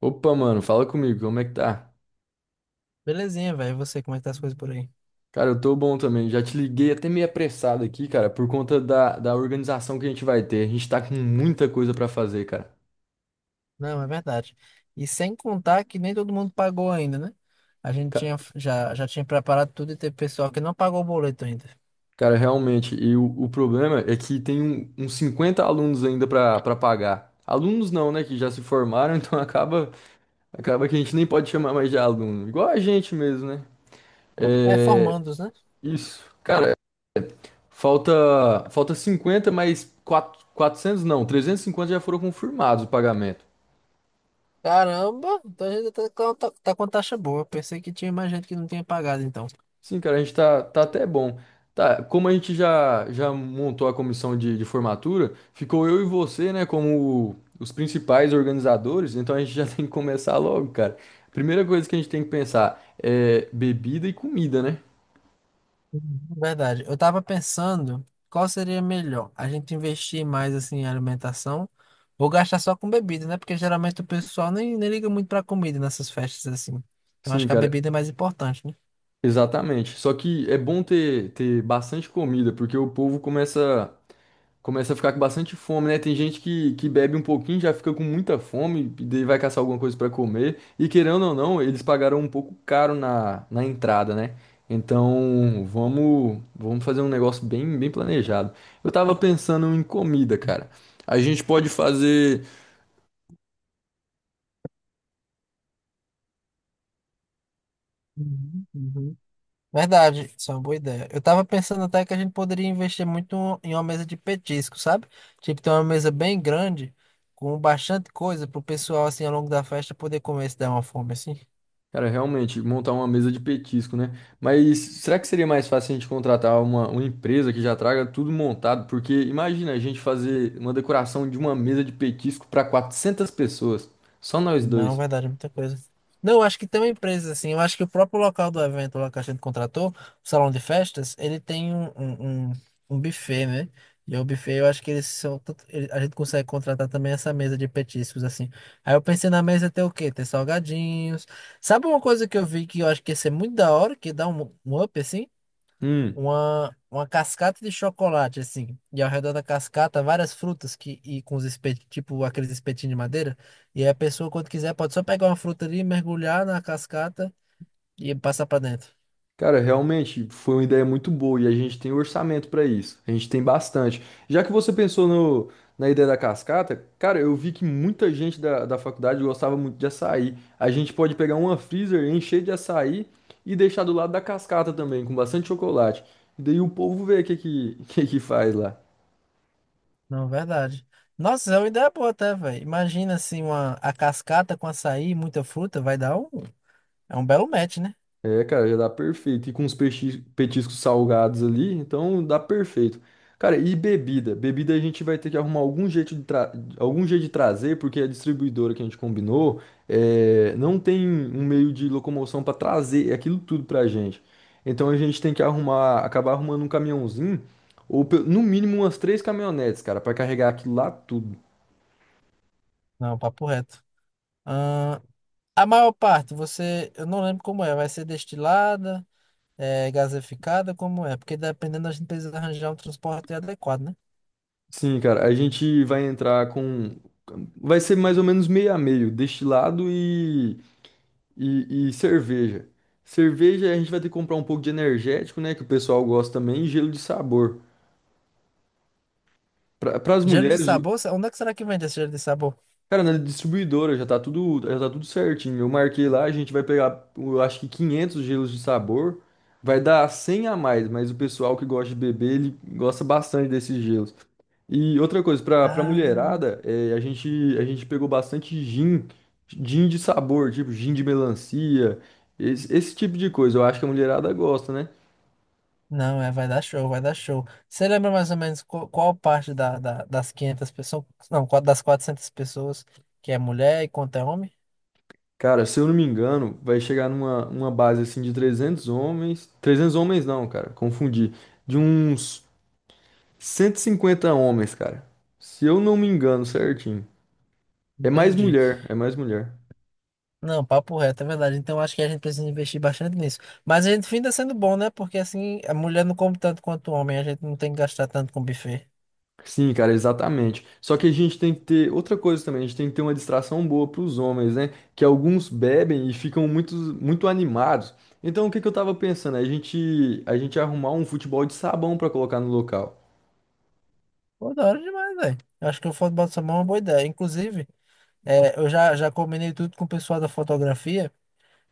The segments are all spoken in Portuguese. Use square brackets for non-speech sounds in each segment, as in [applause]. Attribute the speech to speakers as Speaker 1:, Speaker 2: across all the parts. Speaker 1: Opa, mano, fala comigo, como é que tá?
Speaker 2: Belezinha, velho. E você, como é que tá as coisas por aí?
Speaker 1: Cara, eu tô bom também. Já te liguei até meio apressado aqui, cara, por conta da organização que a gente vai ter. A gente tá com muita coisa pra fazer, cara.
Speaker 2: Não, é verdade. E sem contar que nem todo mundo pagou ainda, né? A gente
Speaker 1: Ca-
Speaker 2: tinha, já tinha preparado tudo e teve pessoal que não pagou o boleto ainda.
Speaker 1: Cara, realmente, e o problema é que tem uns 50 alunos ainda pra pagar. Alunos não, né, que já se formaram, [laughs] então acaba que a gente nem pode chamar mais de aluno. Igual a gente mesmo, né?
Speaker 2: É,
Speaker 1: É,
Speaker 2: formandos, né?
Speaker 1: isso. Cara, falta 50, mas quatrocentos não, 350 já foram confirmados o pagamento.
Speaker 2: Caramba, então a gente tá com taxa boa. Eu pensei que tinha mais gente que não tinha pagado, então.
Speaker 1: Sim, cara, a gente tá até bom. Tá, como a gente já montou a comissão de formatura, ficou eu e você, né, como os principais organizadores, então a gente já [laughs] tem que começar logo, cara. Primeira coisa que a gente tem que pensar é bebida e comida, né?
Speaker 2: Uhum. Verdade. Eu tava pensando qual seria melhor, a gente investir mais assim em alimentação ou gastar só com bebida, né? Porque geralmente o pessoal nem liga muito pra comida nessas festas assim. Então acho
Speaker 1: Sim,
Speaker 2: que a
Speaker 1: cara,
Speaker 2: bebida é mais importante, né?
Speaker 1: exatamente. Só que é bom ter bastante comida, porque o povo começa a ficar com bastante fome, né? Tem gente que bebe um pouquinho, já fica com muita fome, e daí vai caçar alguma coisa pra comer. E querendo ou não, eles pagaram um pouco caro na entrada, né? Então, vamos fazer um negócio bem planejado. Eu tava pensando em comida, cara. A gente pode fazer.
Speaker 2: Uhum, uhum. Verdade, isso é uma boa ideia. Eu tava pensando até que a gente poderia investir muito em uma mesa de petisco, sabe? Tipo, ter uma mesa bem grande, com bastante coisa pro pessoal, assim, ao longo da festa poder comer se der uma fome, assim.
Speaker 1: Cara, realmente, montar uma mesa de petisco, né? Mas será que seria mais fácil a gente contratar uma empresa que já traga tudo montado? Porque imagina a gente fazer uma decoração de uma mesa de petisco para 400 pessoas, só nós
Speaker 2: Não
Speaker 1: dois.
Speaker 2: vai dar de muita coisa. Não, eu acho que tem empresas assim. Eu acho que o próprio local do evento lá que a gente contratou, o salão de festas, ele tem um buffet, né? E o buffet, eu acho que eles são. Tanto- ele- a gente consegue contratar também essa mesa de petiscos, assim. Aí eu pensei na mesa ter o quê? Ter salgadinhos. Sabe uma coisa que eu vi que eu acho que ia ser muito da hora, que dá um up, assim?
Speaker 1: Hum.
Speaker 2: Uma cascata de chocolate, assim, e ao redor da cascata várias frutas que, e com os espetinhos, tipo aqueles espetinhos de madeira, e aí a pessoa, quando quiser, pode só pegar uma fruta ali, mergulhar na cascata e passar pra dentro.
Speaker 1: Cara, realmente foi uma ideia muito boa e a gente tem orçamento para isso. A gente tem bastante. Já que você pensou no, na ideia da cascata, cara, eu vi que muita gente da faculdade gostava muito de açaí. A gente pode pegar uma freezer, encher de açaí e deixar do lado da cascata também, com bastante chocolate. E daí o povo vê o [laughs] que faz lá.
Speaker 2: Não, verdade. Nossa, é uma ideia boa até, velho. Imagina assim, uma, a cascata com açaí e muita fruta, vai dar um. É um belo match, né?
Speaker 1: É, cara, já dá perfeito. E com os petiscos salgados ali, então dá perfeito. Cara, e bebida? Bebida a gente vai ter que arrumar algum jeito de, tra... algum jeito de trazer, porque a distribuidora que a gente combinou é, não tem um meio de locomoção para trazer aquilo tudo pra gente. Então a gente tem que arrumar, acabar arrumando um caminhãozinho, ou no mínimo umas três caminhonetes, cara, para carregar aquilo lá tudo.
Speaker 2: Não, papo reto. Ahn, a maior parte, você. Eu não lembro como é, vai ser destilada. É gaseificada, como é? Porque dependendo, a gente precisa arranjar um transporte adequado, né?
Speaker 1: Sim, cara, a gente vai entrar com. Vai ser mais ou menos meio a meio, destilado e. E cerveja. Cerveja a gente vai ter que comprar um pouco de energético, né? Que o pessoal gosta também, e gelo de sabor. Para as
Speaker 2: Gelo de
Speaker 1: mulheres,
Speaker 2: sabor? Onde é que será que vende esse gelo de sabor?
Speaker 1: cara, na distribuidora já tá tudo certinho. Eu marquei lá, a gente vai pegar, eu acho que 500 gelos de sabor. Vai dar 100 a mais, mas o pessoal que gosta de beber, ele gosta bastante desses gelos. E outra coisa, para
Speaker 2: Ah,
Speaker 1: mulherada, é, a gente pegou bastante gin, gin de sabor, tipo gin de melancia, esse tipo de coisa. Eu acho que a mulherada gosta, né?
Speaker 2: não, é, vai dar show, vai dar show. Você lembra mais ou menos qual parte das 500 pessoas, não, das 400 pessoas que é mulher e quanto é homem?
Speaker 1: Cara, se eu não me engano, vai chegar numa uma base assim de 300 homens. Trezentos homens não, cara, confundi. De uns 150 homens, cara. Se eu não me engano, certinho. É mais
Speaker 2: Entendi.
Speaker 1: mulher, é mais mulher.
Speaker 2: Não, papo reto, é verdade. Então acho que a gente precisa investir bastante nisso. Mas a gente finda sendo bom, né? Porque assim, a mulher não come tanto quanto o homem, a gente não tem que gastar tanto com buffet.
Speaker 1: Sim, cara, exatamente. Só que a gente tem que ter outra coisa também, a gente tem que ter uma distração boa para os homens, né? Que alguns bebem e ficam muito animados. Então, o que que eu tava pensando? A gente arrumar um futebol de sabão para colocar no local.
Speaker 2: Pô, da hora demais, velho. Acho que o futebol de sabão é uma boa ideia. Inclusive, eu já combinei tudo com o pessoal da fotografia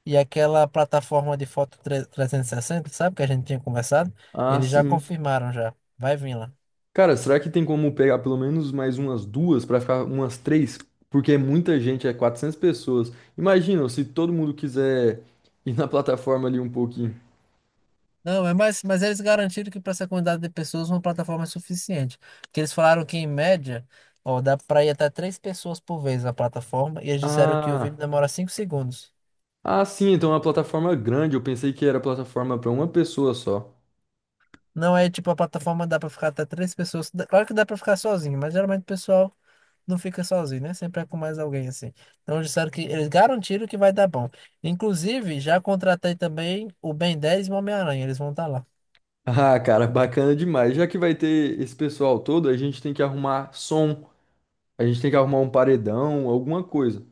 Speaker 2: e aquela plataforma de foto 360, sabe, que a gente tinha conversado?
Speaker 1: Ah,
Speaker 2: Eles já
Speaker 1: sim.
Speaker 2: confirmaram já. Vai vir lá.
Speaker 1: Cara, será que tem como pegar pelo menos mais umas duas pra ficar umas três? Porque é muita gente, é 400 pessoas. Imagina se todo mundo quiser ir na plataforma ali um pouquinho.
Speaker 2: Não, é mais, mas eles garantiram que para essa quantidade de pessoas uma plataforma é suficiente. Porque eles falaram que, em média, ó, dá para ir até três pessoas por vez na plataforma e eles disseram que o vídeo
Speaker 1: Ah,
Speaker 2: demora 5 segundos.
Speaker 1: ah, sim, então é uma plataforma grande. Eu pensei que era plataforma pra uma pessoa só. [laughs]
Speaker 2: Não é tipo a plataforma dá para ficar até três pessoas. Claro que dá para ficar sozinho, mas geralmente o pessoal não fica sozinho, né? Sempre é com mais alguém assim. Então disseram que eles garantiram que vai dar bom. Inclusive, já contratei também o Ben 10 e o Homem-Aranha, eles vão estar lá.
Speaker 1: Ah, cara, bacana demais. Já que vai ter esse pessoal todo, a gente tem que arrumar som, a gente tem que arrumar um paredão, alguma coisa.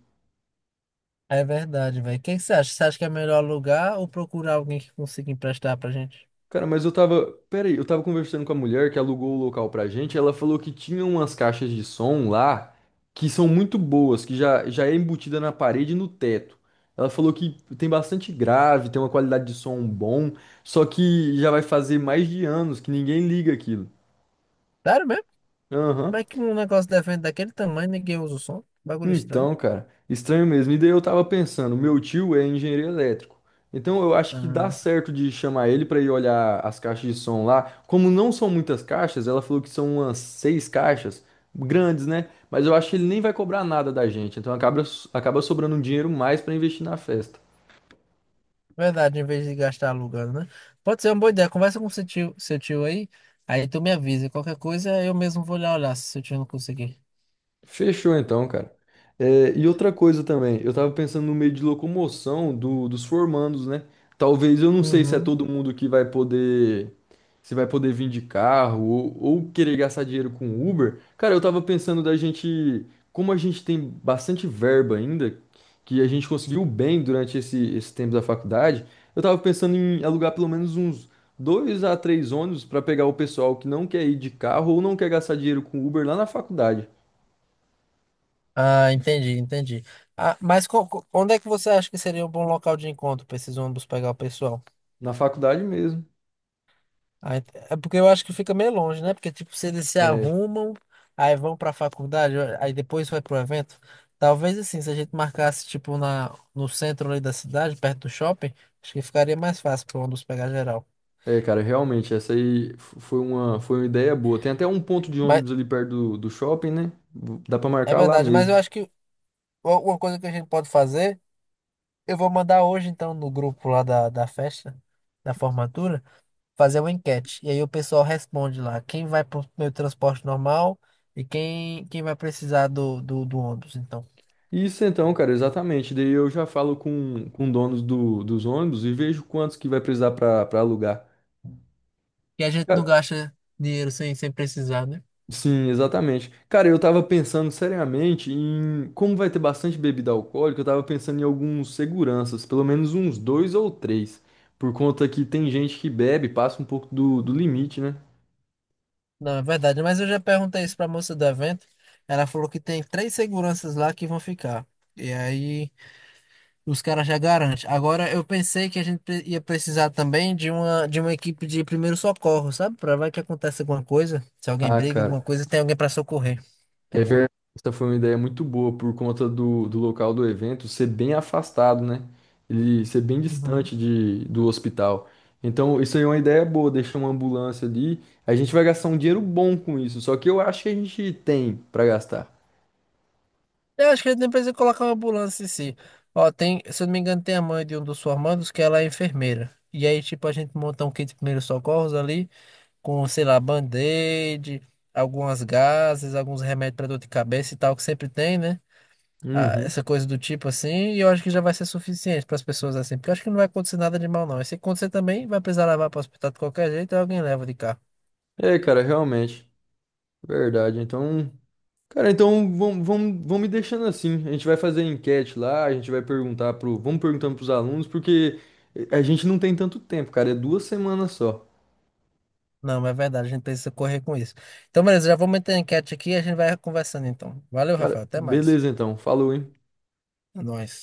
Speaker 2: É verdade, velho. O que que você acha? Você acha que é melhor alugar ou procurar alguém que consiga emprestar pra gente?
Speaker 1: Cara, mas eu tava. Pera aí, eu tava conversando com a mulher que alugou o local pra gente. Ela falou que tinha umas caixas de som lá que são muito boas, que já é embutida na parede e no teto. Ela falou que tem bastante grave, tem uma qualidade de som bom, só que já vai fazer mais de anos que ninguém liga aquilo.
Speaker 2: Sério mesmo?
Speaker 1: Aham.
Speaker 2: Como é que um negócio de evento daquele tamanho ninguém usa o som? Bagulho estranho.
Speaker 1: Então, cara, estranho mesmo. E daí eu tava pensando, meu tio é engenheiro elétrico. Então eu acho que dá
Speaker 2: Ah,
Speaker 1: certo de chamar ele pra ir olhar as caixas de som lá. Como não são muitas caixas, ela falou que são umas seis caixas grandes, né? Mas eu acho que ele nem vai cobrar nada da gente. Então acaba sobrando um dinheiro mais pra investir na festa.
Speaker 2: verdade, em vez de gastar alugando, né? Pode ser uma boa ideia. Conversa com seu tio aí, aí tu me avisa. Qualquer coisa eu mesmo vou lá olhar se seu tio não conseguir.
Speaker 1: Fechou então, cara. É, e outra coisa também, eu tava pensando no meio de locomoção dos formandos, né? Talvez eu não sei se é
Speaker 2: Uhum.
Speaker 1: todo mundo que vai poder, se vai poder vir de carro ou querer gastar dinheiro com Uber. Cara, eu tava pensando da gente, como a gente tem bastante verba ainda, que a gente conseguiu bem durante esse tempo da faculdade, eu tava pensando em alugar pelo menos uns dois a três ônibus pra pegar o pessoal que não quer ir de carro ou não quer gastar dinheiro com Uber lá na faculdade.
Speaker 2: Ah, entendi, entendi. Ah, mas onde é que você acha que seria um bom local de encontro para esses ônibus pegar o pessoal?
Speaker 1: Na faculdade mesmo.
Speaker 2: Ah, é porque eu acho que fica meio longe, né? Porque, tipo, se eles se
Speaker 1: É,
Speaker 2: arrumam, aí vão para a faculdade, aí depois vai pro evento. Talvez, assim, se a gente marcasse, tipo, na, no centro ali da cidade, perto do shopping, acho que ficaria mais fácil para ônibus pegar geral.
Speaker 1: é, cara, realmente, essa aí foi uma ideia boa. Tem até um ponto de
Speaker 2: Mas,
Speaker 1: ônibus ali perto do shopping, né? Dá pra
Speaker 2: é
Speaker 1: marcar lá
Speaker 2: verdade, mas eu
Speaker 1: mesmo.
Speaker 2: acho que uma coisa que a gente pode fazer, eu vou mandar hoje, então, no grupo lá da festa, da formatura, fazer uma enquete. E aí o pessoal responde lá, quem vai pro meu transporte normal e quem vai precisar do ônibus, então.
Speaker 1: Isso então, cara, exatamente. Daí eu já falo com donos dos ônibus e vejo quantos que vai precisar pra alugar.
Speaker 2: E a gente não
Speaker 1: Cara,
Speaker 2: gasta dinheiro sem precisar, né?
Speaker 1: sim, exatamente. Cara, eu tava pensando seriamente em como vai ter bastante bebida alcoólica, eu tava pensando em alguns seguranças, pelo menos uns dois ou três, por conta que tem gente que bebe, passa um pouco do limite, né?
Speaker 2: Não, é verdade. Mas eu já perguntei isso pra moça do evento. Ela falou que tem três seguranças lá que vão ficar. E aí os caras já garantem. Agora eu pensei que a gente ia precisar também de uma equipe de primeiro socorro, sabe? Pra vai que acontece alguma coisa. Se alguém
Speaker 1: Ah,
Speaker 2: briga, alguma
Speaker 1: cara,
Speaker 2: coisa, tem alguém pra socorrer.
Speaker 1: é verdade. Essa foi uma ideia muito boa por conta do local do evento ser bem afastado, né? Ele ser bem
Speaker 2: Uhum.
Speaker 1: distante do hospital. Então, isso aí é uma ideia boa, deixar uma ambulância ali. A gente vai gastar um dinheiro bom com isso, só que eu acho que a gente tem pra gastar.
Speaker 2: Eu acho que ele nem precisa colocar uma ambulância em si. Ó, tem, se eu não me engano, tem a mãe de um dos formandos que ela é enfermeira. E aí, tipo, a gente monta um kit de primeiros socorros ali, com, sei lá, band-aid, algumas gases, alguns remédios para dor de cabeça e tal, que sempre tem, né? Ah,
Speaker 1: Uhum.
Speaker 2: essa coisa do tipo assim. E eu acho que já vai ser suficiente para as pessoas assim, porque eu acho que não vai acontecer nada de mal, não. E se acontecer também, vai precisar levar para o hospital de qualquer jeito, aí alguém leva de carro.
Speaker 1: É, cara, realmente. Verdade. Então, cara, então vamos me deixando assim. A gente vai fazer enquete lá, a gente vai perguntar pro, vamos perguntando pros alunos, porque a gente não tem tanto tempo, cara, é duas semanas só.
Speaker 2: Não, mas é verdade, a gente precisa correr com isso. Então, beleza, já vou meter a enquete aqui e a gente vai conversando então. Valeu, Rafael,
Speaker 1: Cara,
Speaker 2: até mais.
Speaker 1: beleza então. Falou, hein?
Speaker 2: É nóis.